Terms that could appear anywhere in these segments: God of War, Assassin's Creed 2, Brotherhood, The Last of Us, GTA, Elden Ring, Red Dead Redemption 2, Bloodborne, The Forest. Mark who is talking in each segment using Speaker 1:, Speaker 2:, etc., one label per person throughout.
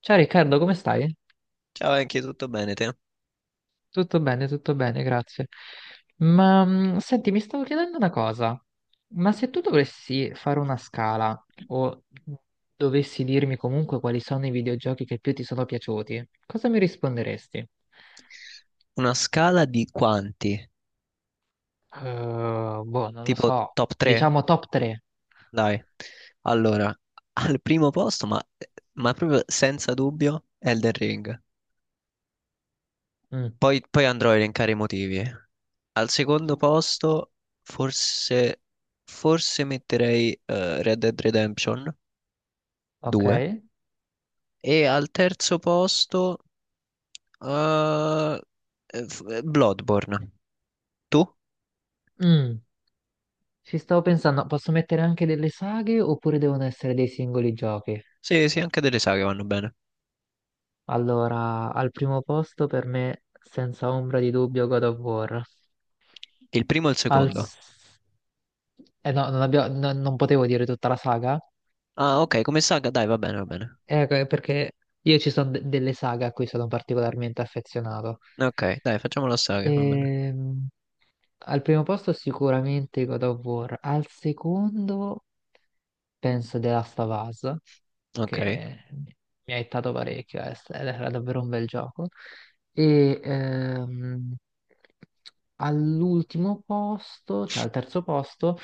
Speaker 1: Ciao Riccardo, come stai?
Speaker 2: Ciao, anche tutto bene te?
Speaker 1: Tutto bene, grazie. Ma senti, mi stavo chiedendo una cosa, ma se tu dovessi fare una scala o dovessi dirmi comunque quali sono i videogiochi che più ti sono piaciuti, cosa mi risponderesti?
Speaker 2: Una scala di quanti?
Speaker 1: Boh, non lo
Speaker 2: Tipo
Speaker 1: so,
Speaker 2: top 3?
Speaker 1: diciamo top 3.
Speaker 2: Dai. Allora, al primo posto, ma proprio senza dubbio, Elden Ring.
Speaker 1: Mm,
Speaker 2: Poi andrò a elencare i motivi. Al secondo posto, forse, forse metterei Red Dead Redemption
Speaker 1: ok.
Speaker 2: 2. E al terzo posto, eh, Bloodborne. Tu?
Speaker 1: Mm, ci stavo pensando, posso mettere anche delle saghe oppure devono essere dei singoli giochi?
Speaker 2: Sì, sì, anche delle saghe vanno bene.
Speaker 1: Allora, al primo posto per me, senza ombra di dubbio, God of War.
Speaker 2: Il primo e il
Speaker 1: Al...
Speaker 2: secondo.
Speaker 1: s- Eh no, non, abbia- no- Non potevo dire tutta la saga,
Speaker 2: Ah, ok, come saga? Dai, va bene, va bene.
Speaker 1: perché io ci sono de- delle saghe a cui sono particolarmente affezionato.
Speaker 2: Ok, dai, facciamo la saga, va bene.
Speaker 1: Ehm, al primo posto sicuramente God of War, al secondo penso The Last of Us,
Speaker 2: Ok.
Speaker 1: che mi ha aiutato parecchio, ed era davvero un bel gioco. E all'ultimo posto, cioè al terzo posto,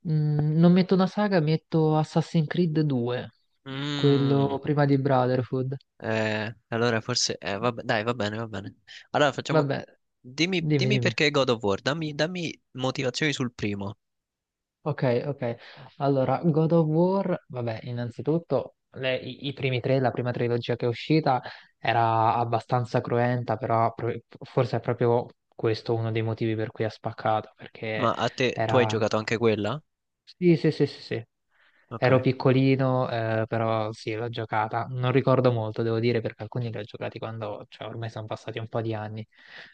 Speaker 1: mh, non metto una saga, metto Assassin's Creed 2,
Speaker 2: Mm.
Speaker 1: quello prima di Brotherhood.
Speaker 2: Allora forse... vabbè, dai, va bene, va bene. Allora facciamo...
Speaker 1: Vabbè,
Speaker 2: Dimmi,
Speaker 1: dimmi,
Speaker 2: dimmi
Speaker 1: dimmi.
Speaker 2: perché God of War, dammi, dammi motivazioni sul primo.
Speaker 1: Ok, ok. Allora, God of War, vabbè, innanzitutto i primi tre, la prima trilogia che è uscita era abbastanza cruenta, forse è proprio questo uno dei motivi per cui ha spaccato,
Speaker 2: Ma
Speaker 1: perché
Speaker 2: a te, tu hai
Speaker 1: era...
Speaker 2: giocato anche quella?
Speaker 1: Sì, sì, sì, sì, sì.
Speaker 2: Ok.
Speaker 1: Ero piccolino, però sì, l'ho giocata. Non ricordo molto, devo dire, perché alcuni li ho giocati quando, cioè, ormai sono passati un po' di anni.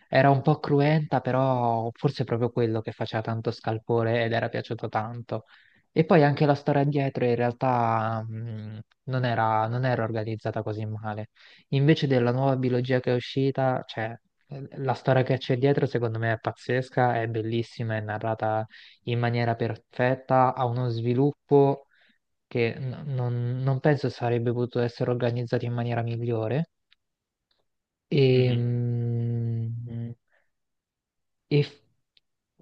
Speaker 1: Era un po' cruenta, però forse è proprio quello che faceva tanto scalpore ed era piaciuto tanto. E poi anche la storia dietro in realtà non era, non era organizzata così male. Invece della nuova biologia che è uscita, cioè, la storia che c'è dietro secondo me è pazzesca, è bellissima, è narrata in maniera perfetta, ha uno sviluppo che non penso sarebbe potuto essere organizzato in maniera migliore. E,
Speaker 2: Mhm.
Speaker 1: e f-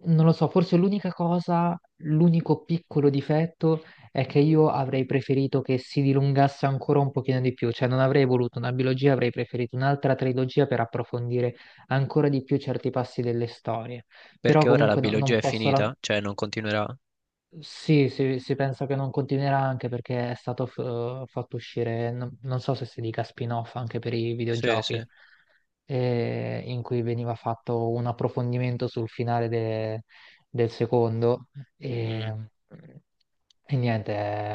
Speaker 1: non lo so, forse l'unica cosa, l'unico piccolo difetto è che io avrei preferito che si dilungasse ancora un pochino di più, cioè non avrei voluto una biologia, avrei preferito un'altra trilogia per approfondire ancora di più certi passi delle storie. Però
Speaker 2: Perché ora la
Speaker 1: comunque no- non
Speaker 2: biologia è
Speaker 1: posso,
Speaker 2: finita? Cioè non continuerà?
Speaker 1: sì, si pensa che non continuerà anche perché è stato fatto uscire, non, non so se si dica spin-off anche per i
Speaker 2: Sì,
Speaker 1: videogiochi,
Speaker 2: sì.
Speaker 1: in cui veniva fatto un approfondimento sul finale del secondo.
Speaker 2: Mm.
Speaker 1: E, e niente,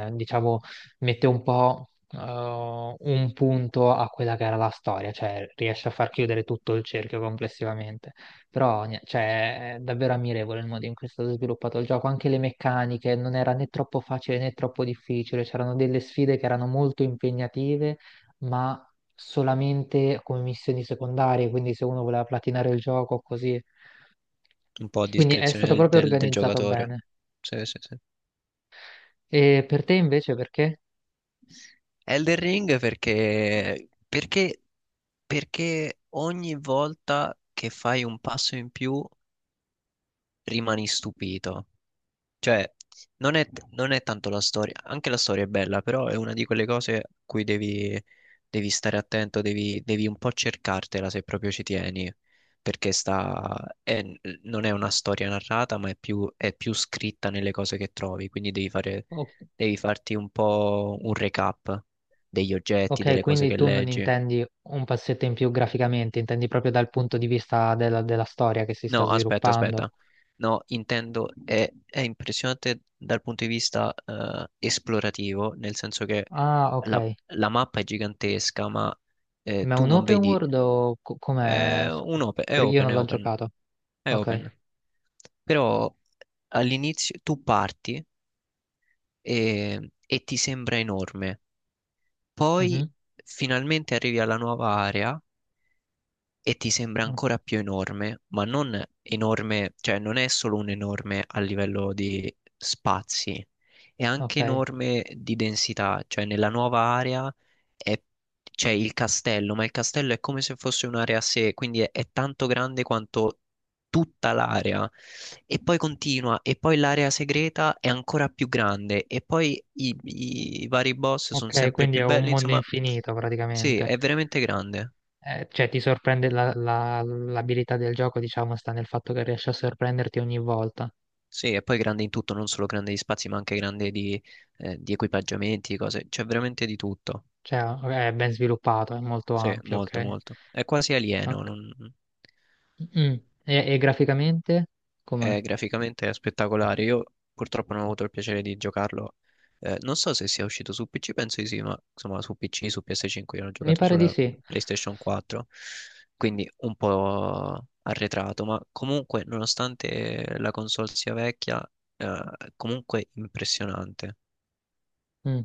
Speaker 1: diciamo, mette un po' un punto a quella che era la storia, cioè riesce a far chiudere tutto il cerchio complessivamente. Però cioè, è davvero ammirevole il modo in cui è stato sviluppato il gioco, anche le meccaniche, non era né troppo facile né troppo difficile, c'erano delle sfide che erano molto impegnative, ma solamente come missioni secondarie, quindi se uno voleva platinare il gioco così.
Speaker 2: Un po' a
Speaker 1: Quindi è
Speaker 2: discrezione
Speaker 1: stato
Speaker 2: del,
Speaker 1: proprio
Speaker 2: del- del
Speaker 1: organizzato
Speaker 2: giocatore.
Speaker 1: bene.
Speaker 2: Sì, sì, sì.
Speaker 1: E per te invece perché?
Speaker 2: Elden Ring perché ogni volta che fai un passo in più rimani stupito. Cioè, non è tanto la storia, anche la storia è bella, però è una di quelle cose a cui devi, devi stare attento, devi un po' cercartela se proprio ci tieni, perché sta, è- non è una storia narrata, ma è più, scritta nelle cose che trovi, quindi devi fare, devi farti un po' un recap degli oggetti,
Speaker 1: Ok,
Speaker 2: delle cose
Speaker 1: quindi
Speaker 2: che
Speaker 1: tu non
Speaker 2: leggi.
Speaker 1: intendi un passetto in più graficamente, intendi proprio dal punto di vista della, della storia che si sta
Speaker 2: No, aspetta,
Speaker 1: sviluppando.
Speaker 2: aspetta. No, intendo, è impressionante dal punto di vista esplorativo, nel senso che
Speaker 1: Ah,
Speaker 2: la,
Speaker 1: ok.
Speaker 2: la mappa è gigantesca, ma
Speaker 1: Ma è
Speaker 2: tu
Speaker 1: un
Speaker 2: non
Speaker 1: open
Speaker 2: vedi,
Speaker 1: world o com'è?
Speaker 2: è
Speaker 1: Perché io
Speaker 2: open,
Speaker 1: non
Speaker 2: è
Speaker 1: l'ho
Speaker 2: open,
Speaker 1: giocato.
Speaker 2: è open.
Speaker 1: Ok.
Speaker 2: Però all'inizio tu parti e ti sembra enorme, poi
Speaker 1: Mhm.
Speaker 2: finalmente arrivi alla nuova area e ti sembra
Speaker 1: Mm,
Speaker 2: ancora più enorme, ma non enorme, cioè non è solo un enorme a livello di spazi, è anche
Speaker 1: ok.
Speaker 2: enorme di densità, cioè nella nuova area è- c'è il castello, ma il castello è come se fosse un'area a sé, quindi è tanto grande quanto tutta l'area. E poi continua, e poi l'area segreta è ancora più grande, e poi i vari boss sono
Speaker 1: Ok,
Speaker 2: sempre
Speaker 1: quindi è
Speaker 2: più
Speaker 1: un
Speaker 2: belli,
Speaker 1: mondo
Speaker 2: insomma,
Speaker 1: infinito
Speaker 2: sì,
Speaker 1: praticamente.
Speaker 2: è veramente grande.
Speaker 1: Cioè ti sorprende l'abilità del gioco, diciamo, sta nel fatto che riesce a sorprenderti ogni volta.
Speaker 2: Sì, e poi grande in tutto, non solo grande di spazi, ma anche grande di equipaggiamenti, cose. C'è veramente di tutto.
Speaker 1: Cioè è ben sviluppato, è molto
Speaker 2: Sì,
Speaker 1: ampio,
Speaker 2: molto,
Speaker 1: ok?
Speaker 2: molto. È quasi alieno.
Speaker 1: Ok. Mm. E graficamente? Com'è?
Speaker 2: È graficamente spettacolare. Io purtroppo non ho avuto il piacere di giocarlo. Non so se sia uscito su PC, penso di sì, ma insomma su PC, su PS5, io l'ho
Speaker 1: Mi
Speaker 2: giocato
Speaker 1: pare di
Speaker 2: sulla
Speaker 1: sì.
Speaker 2: PlayStation 4, quindi un po' arretrato, ma comunque, nonostante la console sia vecchia, eh, comunque impressionante.
Speaker 1: Mm.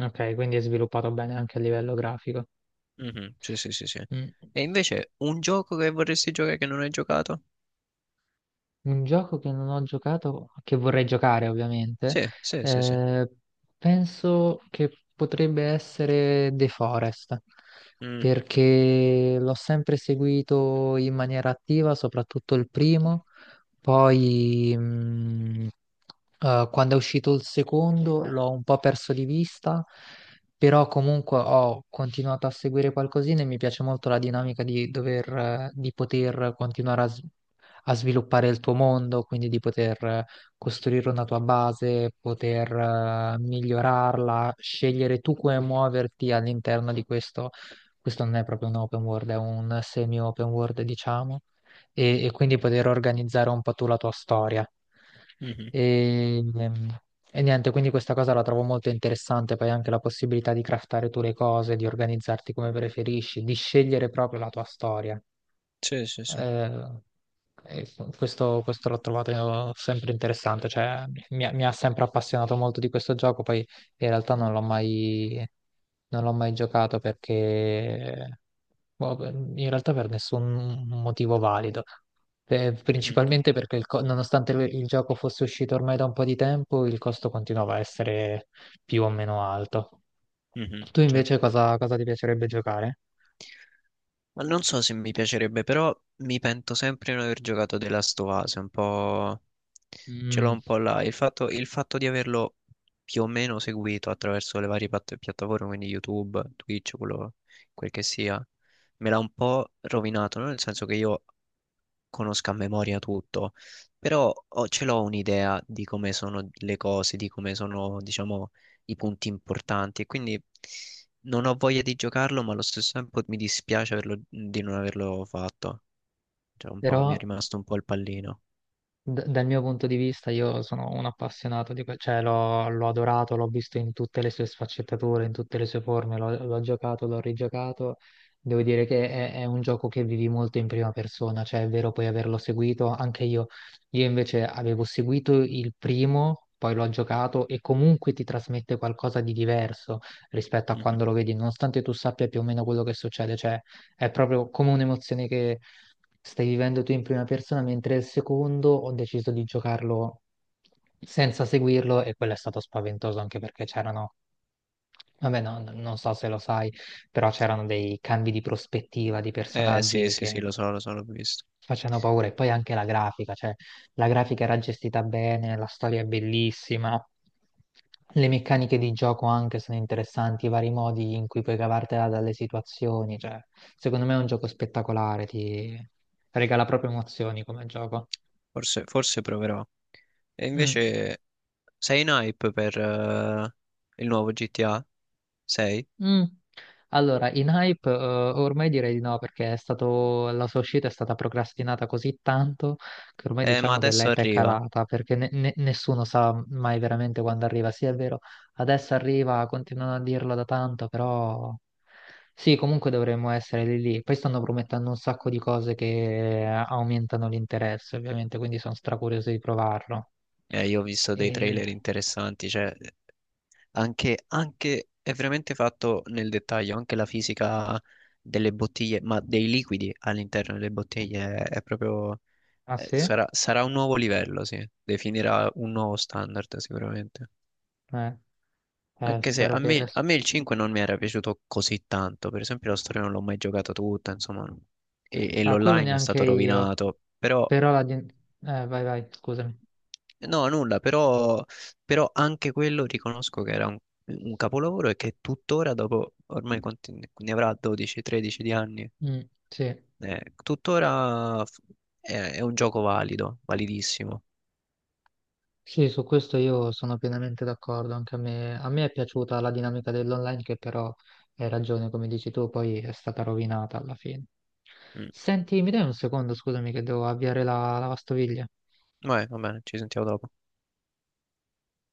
Speaker 1: Ok, quindi è sviluppato bene anche a livello grafico.
Speaker 2: Mhm. Sì, sì, sì, sì.
Speaker 1: Mm.
Speaker 2: E invece un gioco che vorresti giocare che non hai giocato?
Speaker 1: Un gioco che non ho giocato, che vorrei giocare ovviamente,
Speaker 2: Sì, sì, sì, sì.
Speaker 1: eh, penso che potrebbe essere The Forest,
Speaker 2: Mm.
Speaker 1: perché l'ho sempre seguito in maniera attiva, soprattutto il primo. Poi, eh, quando è uscito il secondo l'ho un po' perso di vista, però comunque ho continuato a seguire qualcosina e mi piace molto la dinamica di dover, di poter continuare a sviluppare il tuo mondo, quindi di poter costruire una tua base, poter migliorarla, scegliere tu come muoverti all'interno di questo. Questo non è proprio un open world, è un semi-open world, diciamo e quindi poter organizzare un po' tu la tua storia.
Speaker 2: Mhm.
Speaker 1: E, ehm, e niente, quindi questa cosa la trovo molto interessante, poi anche la possibilità di craftare tu le cose, di organizzarti come preferisci, di scegliere proprio la tua storia.
Speaker 2: Sì, sì, sì.
Speaker 1: Eh, e questo l'ho trovato sempre interessante, cioè mi ha sempre appassionato molto di questo gioco, poi in realtà non l'ho mai giocato perché boh, beh, in realtà per nessun motivo valido.
Speaker 2: Mhm.
Speaker 1: Principalmente perché nonostante il gioco fosse uscito ormai da un po' di tempo, il costo continuava a essere più o meno alto.
Speaker 2: Mhm.
Speaker 1: Tu invece
Speaker 2: Certo.
Speaker 1: cosa, cosa ti piacerebbe giocare?
Speaker 2: Ma non so se mi piacerebbe, però mi pento sempre di non aver giocato The Last of Us, un po'... Ce l'ho
Speaker 1: Mm,
Speaker 2: un po' là. Il fatto di averlo più o meno seguito attraverso le varie piattaforme, quindi YouTube, Twitch, quello, quel che sia, me l'ha un po' rovinato, no? Nel senso che io conosca a memoria tutto, però ce l'ho un'idea di come sono le cose, di come sono, diciamo, i punti importanti e quindi non ho voglia di giocarlo, ma allo stesso tempo mi dispiace di non averlo fatto. Cioè, un po', mi è
Speaker 1: però
Speaker 2: rimasto un po' il pallino.
Speaker 1: Dal mio punto di vista, io sono un appassionato di cioè l'ho adorato, l'ho visto in tutte le sue sfaccettature, in tutte le sue forme, l'ho giocato, l'ho rigiocato. Devo dire che è un gioco che vivi molto in prima persona, cioè è vero poi averlo seguito, anche io. Io invece avevo seguito il primo, poi l'ho giocato e comunque ti trasmette qualcosa di diverso rispetto a
Speaker 2: Mhm.
Speaker 1: quando lo vedi, nonostante tu sappia più o meno quello che succede, cioè è proprio come un'emozione che stai vivendo tu in prima persona, mentre il secondo ho deciso di giocarlo senza seguirlo e quello è stato spaventoso anche perché c'erano, vabbè, no, non so se lo sai, però c'erano dei cambi di prospettiva di
Speaker 2: Eh sì,
Speaker 1: personaggi
Speaker 2: sì, sì,
Speaker 1: che
Speaker 2: lo so, l'ho visto.
Speaker 1: facendo paura. E poi anche la grafica, cioè la grafica era gestita bene, la storia è bellissima, le meccaniche di gioco anche sono interessanti, i vari modi in cui puoi cavartela dalle situazioni, cioè secondo me è un gioco spettacolare, ti regala proprio emozioni come gioco.
Speaker 2: Forse proverò. E
Speaker 1: Mm.
Speaker 2: invece sei in hype per il nuovo GTA? Sei?
Speaker 1: Mm. Allora, in hype ormai direi di no perché è stato, la sua uscita è stata procrastinata così tanto che ormai
Speaker 2: Ma
Speaker 1: diciamo che
Speaker 2: adesso
Speaker 1: l'hype è
Speaker 2: arriva.
Speaker 1: calata perché nessuno sa mai veramente quando arriva. Sì, è vero, adesso arriva, continuano a dirlo da tanto, però sì, comunque dovremmo essere lì lì. Poi stanno promettendo un sacco di cose che aumentano l'interesse, ovviamente, quindi sono stracurioso di provarlo.
Speaker 2: Io ho visto
Speaker 1: E...
Speaker 2: dei trailer interessanti, cioè anche è veramente fatto nel dettaglio, anche la fisica delle bottiglie, ma dei liquidi all'interno delle bottiglie è proprio,
Speaker 1: Ah sì?
Speaker 2: sarà un nuovo livello, sì, definirà un nuovo standard sicuramente.
Speaker 1: Eh, eh,
Speaker 2: Anche se
Speaker 1: spero
Speaker 2: a
Speaker 1: che,
Speaker 2: me, a me il 5 non mi era piaciuto così tanto, per esempio la storia non l'ho mai giocata tutta, insomma, e
Speaker 1: ah, quello
Speaker 2: l'online è
Speaker 1: neanche
Speaker 2: stato
Speaker 1: io,
Speaker 2: rovinato, però.
Speaker 1: però eh, vai, vai, scusami.
Speaker 2: No, nulla, però anche quello riconosco che era un capolavoro e che tuttora, dopo ormai quanti ne avrà 12-13 di anni,
Speaker 1: Mm, sì.
Speaker 2: tuttora è un gioco valido, validissimo.
Speaker 1: Sì, su questo io sono pienamente d'accordo, anche a me è piaciuta la dinamica dell'online che però hai ragione, come dici tu, poi è stata rovinata alla fine.
Speaker 2: Mm.
Speaker 1: Senti, mi dai un secondo, scusami, che devo avviare la lavastoviglie?
Speaker 2: Vabbè, va bene, ci sentiamo dopo.